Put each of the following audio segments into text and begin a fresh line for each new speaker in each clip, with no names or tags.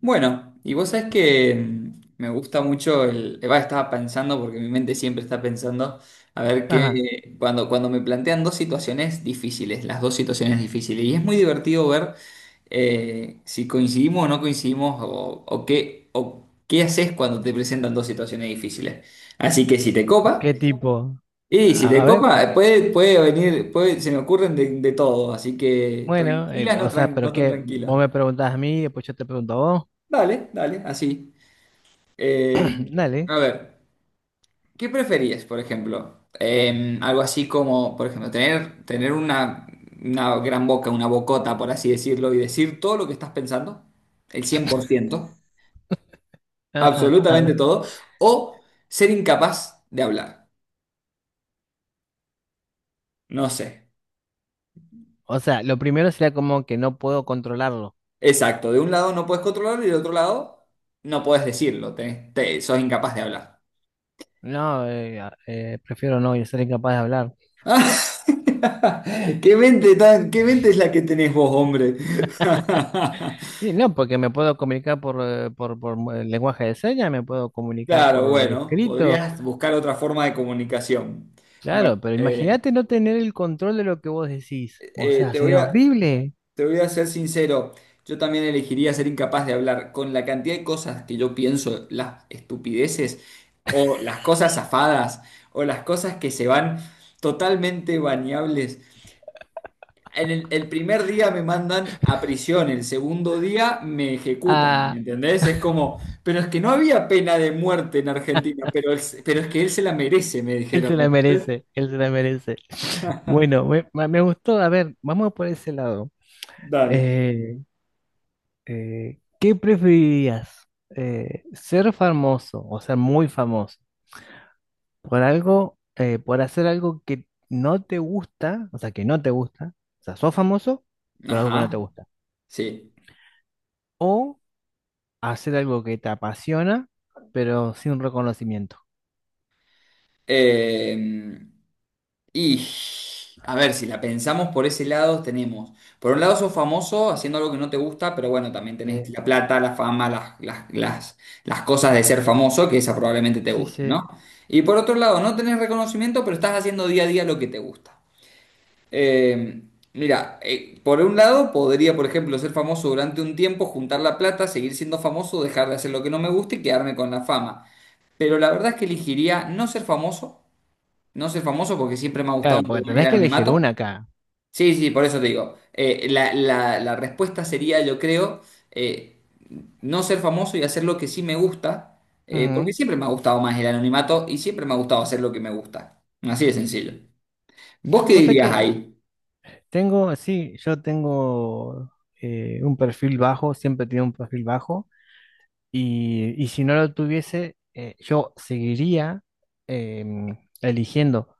Bueno, y vos sabés que me gusta mucho estaba pensando, porque mi mente siempre está pensando, a ver
Ajá.
qué. Cuando me plantean dos situaciones difíciles, las dos situaciones difíciles. Y es muy divertido ver si coincidimos o no coincidimos, o qué, o qué haces cuando te presentan dos situaciones difíciles. Así que si te
¿De
copa,
qué tipo?
y si
A
te
a ver,
copa,
eh,
puede venir, se me ocurren de todo. Así que
bueno,
tranquila,
o
no,
sea, pero
no tan
qué, vos
tranquila.
me preguntás a mí y después yo te pregunto a vos.
Dale, dale, así. Eh,
Dale,
a ver, ¿qué preferías, por ejemplo? Algo así como, por ejemplo, tener una gran boca, una bocota, por así decirlo, y decir todo lo que estás pensando, el 100%,
ajá, a
absolutamente
ver.
todo, o ser incapaz de hablar. No sé.
O sea, lo primero sería como que no puedo controlarlo.
Exacto, de un lado no puedes controlarlo y del otro lado no puedes decirlo, sos incapaz de hablar.
No, prefiero no y ser incapaz de hablar.
¿Qué mente es la que tenés vos, hombre?
Y no, porque me puedo comunicar por lenguaje de señas, me puedo comunicar
Claro,
por
bueno,
escrito,
podrías buscar otra forma de comunicación. Bueno,
claro, pero imagínate no tener el control de lo que vos decís. O
eh,
sea,
te voy
sería
a,
horrible.
te voy a ser sincero. Yo también elegiría ser incapaz de hablar con la cantidad de cosas que yo pienso: las estupideces o las cosas zafadas o las cosas que se van totalmente bañables. En el primer día me mandan a prisión, el segundo día me ejecutan, ¿me
Ah,
entendés? Es como, pero es que no había pena de muerte en Argentina. Pero es que él se la merece, me
él
dijeron,
se
¿me
la
entendés?
merece, él se la merece. Bueno, me gustó. A ver, vamos por ese lado.
Dale.
Eh, ¿Qué preferirías? ¿Ser famoso o ser muy famoso por algo, por hacer algo que no te gusta, o sea, que no te gusta, o sea, sos famoso por algo que no te
Ajá,
gusta,
sí.
o hacer algo que te apasiona, pero sin reconocimiento?
Eh, Y a ver, si la pensamos por ese lado, tenemos, por un lado sos famoso haciendo algo que no te gusta, pero bueno, también
Sí,
tenés la plata, la fama, las cosas de ser famoso, que esa probablemente te
sí,
gusten,
sí.
¿no? Y por otro lado, no tenés reconocimiento, pero estás haciendo día a día lo que te gusta. Eh, Mira, por un lado podría, por ejemplo, ser famoso durante un tiempo, juntar la plata, seguir siendo famoso, dejar de hacer lo que no me gusta y quedarme con la fama. Pero la verdad es que elegiría no ser famoso. No soy famoso porque siempre me ha gustado
Claro,
un
porque
poco más el
tenés que elegir una
anonimato.
acá.
Sí, sí, por eso te digo. La respuesta sería, yo creo, eh, no ser famoso y hacer lo que sí me gusta, porque
Ujú.
siempre me ha gustado más el anonimato y siempre me ha gustado hacer lo que me gusta. Así de sencillo. ¿Vos qué
O sea que
dirías ahí?
tengo, sí, yo tengo un perfil bajo, siempre he tenido un perfil bajo, y si no lo tuviese, yo seguiría em, eligiendo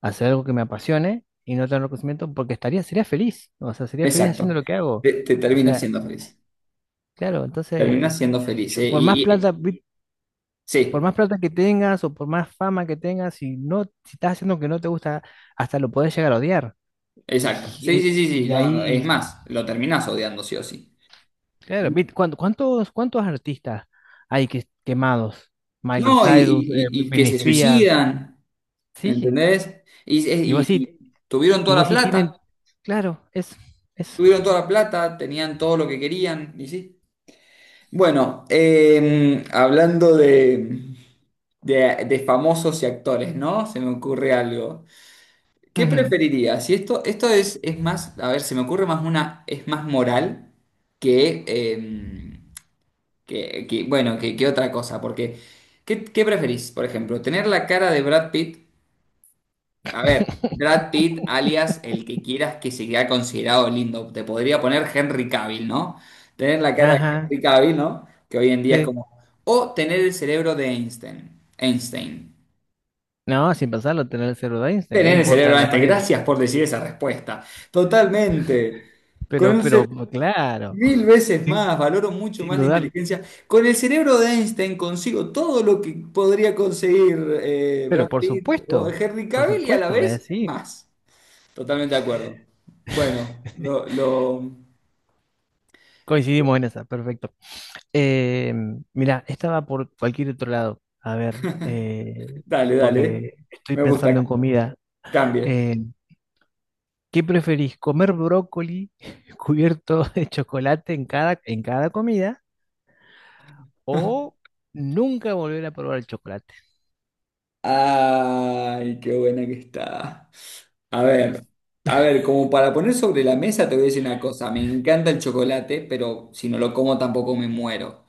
hacer algo que me apasione y no tener reconocimiento porque estaría, sería feliz, o sea, sería feliz haciendo
Exacto.
lo que hago.
Te
O
terminas
sea,
siendo feliz.
claro, entonces,
Terminas siendo feliz. eh,
por más
Y,
plata,
y-
por
sí,
más plata que tengas o por más fama que tengas, si no, si estás haciendo lo que no te gusta, hasta lo podés llegar a odiar.
exacto. Sí,
Y,
sí, sí, sí.
y
No, no, es
ahí
más, lo terminás odiando sí o sí.
Claro, ¿cuánto- ¿cuántos, cuántos artistas hay que, quemados? Miley
No, y,
Cyrus,
y- y- y que
Britney
se
Spears,
suicidan. ¿Me
sí, sí.
entendés? Y,
Y
y-
vos
y
sí,
tuvieron
y
toda
vos
la
sí tienen,
plata,
claro, es, es.
tuvieron toda la plata, tenían todo lo que querían, y sí. Bueno, hablando de famosos y actores, ¿no? Se me ocurre algo. ¿Qué
Ujú.
preferirías? Si esto es más, a ver, se me ocurre más una, es más moral que, bueno, que otra cosa, porque ¿qué preferís? Por ejemplo, ¿tener la cara de Brad Pitt? A ver, Brad Pitt, alias el que quieras que se quede considerado lindo. Te podría poner Henry Cavill, ¿no? Tener la cara de
Ajá,
Henry Cavill, ¿no? Que hoy en día es
sí.
como. O tener el cerebro de Einstein. Einstein.
No, sin pasarlo, tener el cero de Einstein, ¿qué
Tener el cerebro
importa
de
la
Einstein.
apariencia?
Gracias por decir esa respuesta. Totalmente. Con un ce-
Pero, claro,
mil veces
sin,
más, valoro mucho
sin
más la
dudar.
inteligencia. Con el cerebro de Einstein consigo todo lo que podría conseguir Brad
Pero
Pitt o Henry
por
Cavill y a la
supuesto, es
vez
así.
más. Totalmente de acuerdo. Bueno.
Coincidimos en esa, perfecto. Eh, Mira, estaba por cualquier otro lado. A ver,
Dale, dale.
porque estoy
Me
pensando
gusta.
en comida.
Cambie.
Eh, ¿Qué preferís? ¿Comer brócoli cubierto de chocolate en cada comida o nunca volver a probar el chocolate?
Ay, qué buena que está. A ver,
Es-
a ver, como para poner sobre la mesa te voy a decir una cosa. Me encanta el chocolate, pero si no lo como tampoco me muero.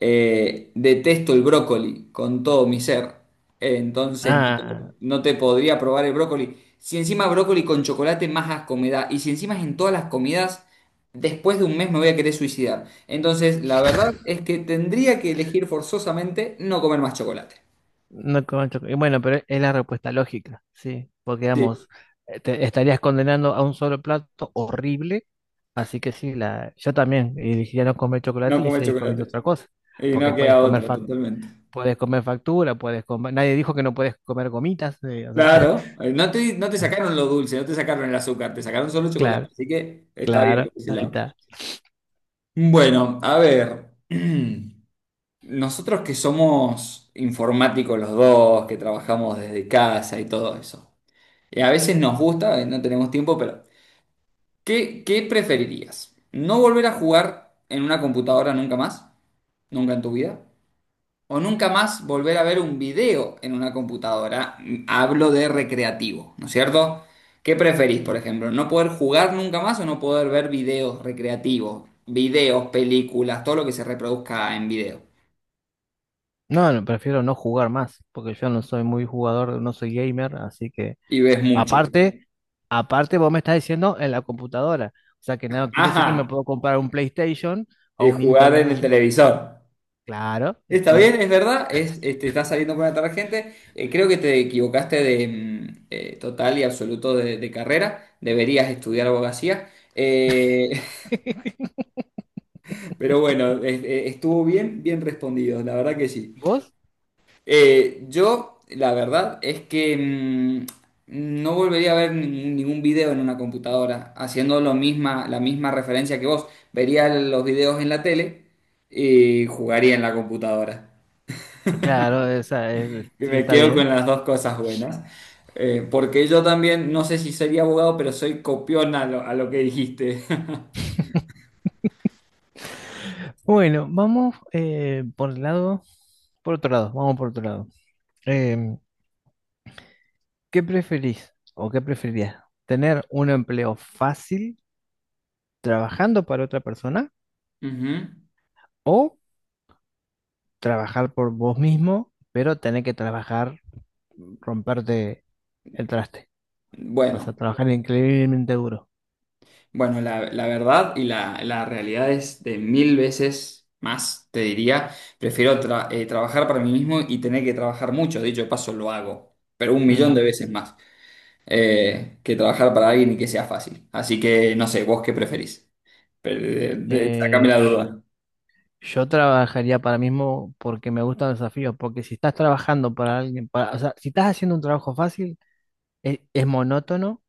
Detesto el brócoli con todo mi ser. Entonces, no
Ah,
te, no te podría probar el brócoli. Si encima brócoli con chocolate, más asco me da. Y si encima es en todas las comidas, después de un mes me voy a querer suicidar. Entonces, la verdad es que tendría que elegir forzosamente no comer más chocolate.
no con chocolate. Bueno, pero es la respuesta lógica, sí, porque
Sí,
digamos, te estarías condenando a un solo plato horrible, así que sí, la, yo también elegiría no comer
no
chocolate y
comer
seguir comiendo
chocolate.
otra cosa,
Y
porque
no queda otra, totalmente.
puedes comer factura, puedes comer, nadie dijo que no puedes comer gomitas, o sea,
Claro, no te sacaron lo dulce, no te sacaron el azúcar, te sacaron solo chocolate.
claro,
Así que está bien por
claro,
ese
ahí
lado.
está.
Bueno, a ver. Nosotros que somos informáticos los dos, que trabajamos desde casa y todo eso. Y a veces nos gusta, no tenemos tiempo. Pero, ¿qué preferirías? ¿No volver a jugar en una computadora nunca más? ¿Nunca en tu vida? ¿O nunca más volver a ver un video en una computadora? Hablo de recreativo, ¿no es cierto? ¿Qué preferís, por ejemplo? ¿No poder jugar nunca más o no poder ver videos recreativos? Videos, películas, todo lo que se reproduzca en video.
No, no, prefiero no jugar más, porque yo no soy muy jugador, no soy gamer, así que
Y ves mucho.
aparte, aparte vos me estás diciendo en la computadora. O sea que no quiere decir que me
Ajá.
puedo comprar un PlayStation o un
Jugar en
Nintendo
el
60.
televisor.
Claro,
Está
¿no?
bien, es verdad, te está saliendo por una tarjeta. Creo que te equivocaste de total y absoluto de carrera. Deberías estudiar abogacía. Eh, pero bueno, estuvo bien, bien respondido, la verdad que sí.
¿Vos?
Yo, la verdad es que no volvería a ver ningún video en una computadora, haciendo la misma referencia que vos. Vería los videos en la tele y jugaría en la computadora.
Claro, esa es-
Que
sí,
Me
está
quedo con
bien.
las dos cosas buenas. Porque yo también, no sé si sería abogado, pero soy copión a lo que dijiste.
Bueno, vamos por el lado, por otro lado, vamos por otro lado. Em, ¿Qué preferís o qué preferirías? ¿Tener un empleo fácil trabajando para otra persona
Ujú.
o trabajar por vos mismo, pero tener que trabajar, romperte el traste? Vas a
Bueno,
trabajar increíblemente duro.
bueno, la verdad y la realidad es de mil veces más, te diría. Prefiero trabajar para mí mismo y tener que trabajar mucho. Dicho de paso, lo hago, pero un millón de
Ujú.
veces más que trabajar para alguien y que sea fácil. Así que no sé, vos qué preferís. Pero, sacame
Eh,
la
sh-
duda.
yo trabajaría para mí mismo porque me gustan los desafíos, porque si estás trabajando para alguien, para, o sea, si estás haciendo un trabajo fácil, es monótono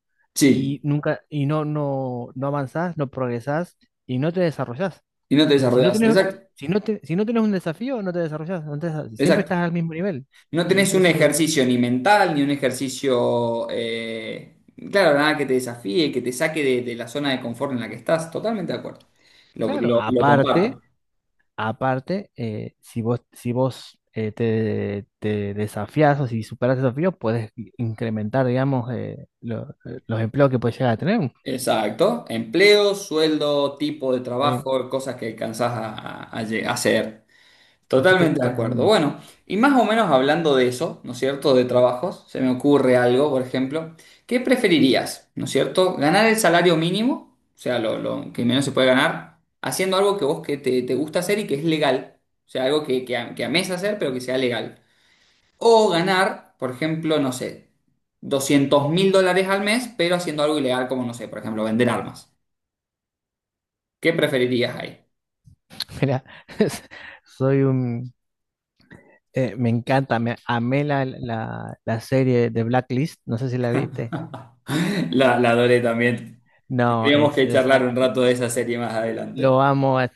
y
Sí,
nunca, y no, no, no avanzás, no progresás y no te desarrollás.
y no te
O sea, si no
desarrollas.
tenés,
Exacto,
si no te, si no tenés un desafío, no te desarrollás, no te desa- siempre
exacto.
estás al mismo nivel.
No
Y
tenés un
entonces,
ejercicio ni mental, ni un ejercicio, claro, nada que te desafíe, que te saque de la zona de confort en la que estás. Totalmente de acuerdo. Lo,
claro,
lo- lo comparto.
aparte. Aparte, si vos, si vos te, te desafías o si superas el desafío, puedes incrementar, digamos, los empleos que puedes llegar a tener.
Exacto. Empleo, sueldo, tipo de
Sí,
trabajo, cosas que alcanzás a hacer.
así que,
Totalmente de acuerdo. Bueno, y más o menos hablando de eso, ¿no es cierto? De trabajos, se me ocurre algo, por ejemplo, ¿qué preferirías? ¿No es cierto? ¿Ganar el salario mínimo, o sea, lo que menos se puede ganar, haciendo algo que te gusta hacer y que es legal, o sea, algo que ames hacer pero que sea legal? O ganar, por ejemplo, no sé, $200,000 al mes, pero haciendo algo ilegal como, no sé, por ejemplo, vender armas. ¿Qué preferirías ahí?
mira, soy un... Me encanta, me amé la, la, la serie de Blacklist, no sé si la viste.
La adoré también.
No,
Tendríamos
es,
que
o
charlar
sea,
un rato de esa serie más adelante.
Lo amo es-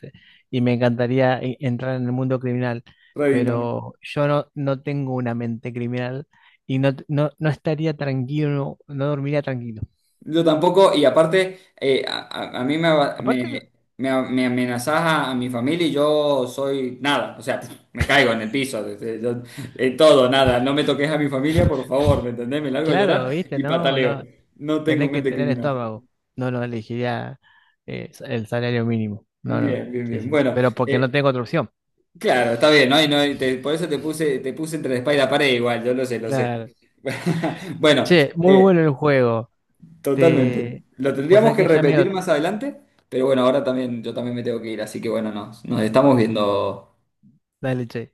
y me encantaría entrar en el mundo criminal,
Reddington.
pero yo no, no tengo una mente criminal y no, no, no estaría tranquilo, no dormiría tranquilo.
Yo tampoco. Y aparte, a mí me, aba- me,
Aparte,
me- me amenazás a mi familia, y yo soy nada. O sea, me caigo en el piso. Todo, nada. No me toques a mi familia, por favor, ¿me entendés? Me largo a
claro,
llorar
viste,
y
no,
pataleo.
no,
No tengo
tenés que
mente
tener
criminal.
estómago. No, no elegiría el salario mínimo. No, no,
Bien, bien,
sí,
bien.
sí.
Bueno,
Pero porque no
eh,
tengo otra opción.
claro, está bien, ¿no? Por eso te puse entre la espalda y la pared igual. Yo lo sé, lo sé.
Claro.
Bueno,
Che, muy
eh,
bueno el juego.
totalmente.
Te...
Lo
Vos
tendríamos
sabés
que
que ya me
repetir
dio...
más adelante, pero bueno, ahora también, yo también me tengo que ir, así que bueno, nos estamos viendo.
Dale, che.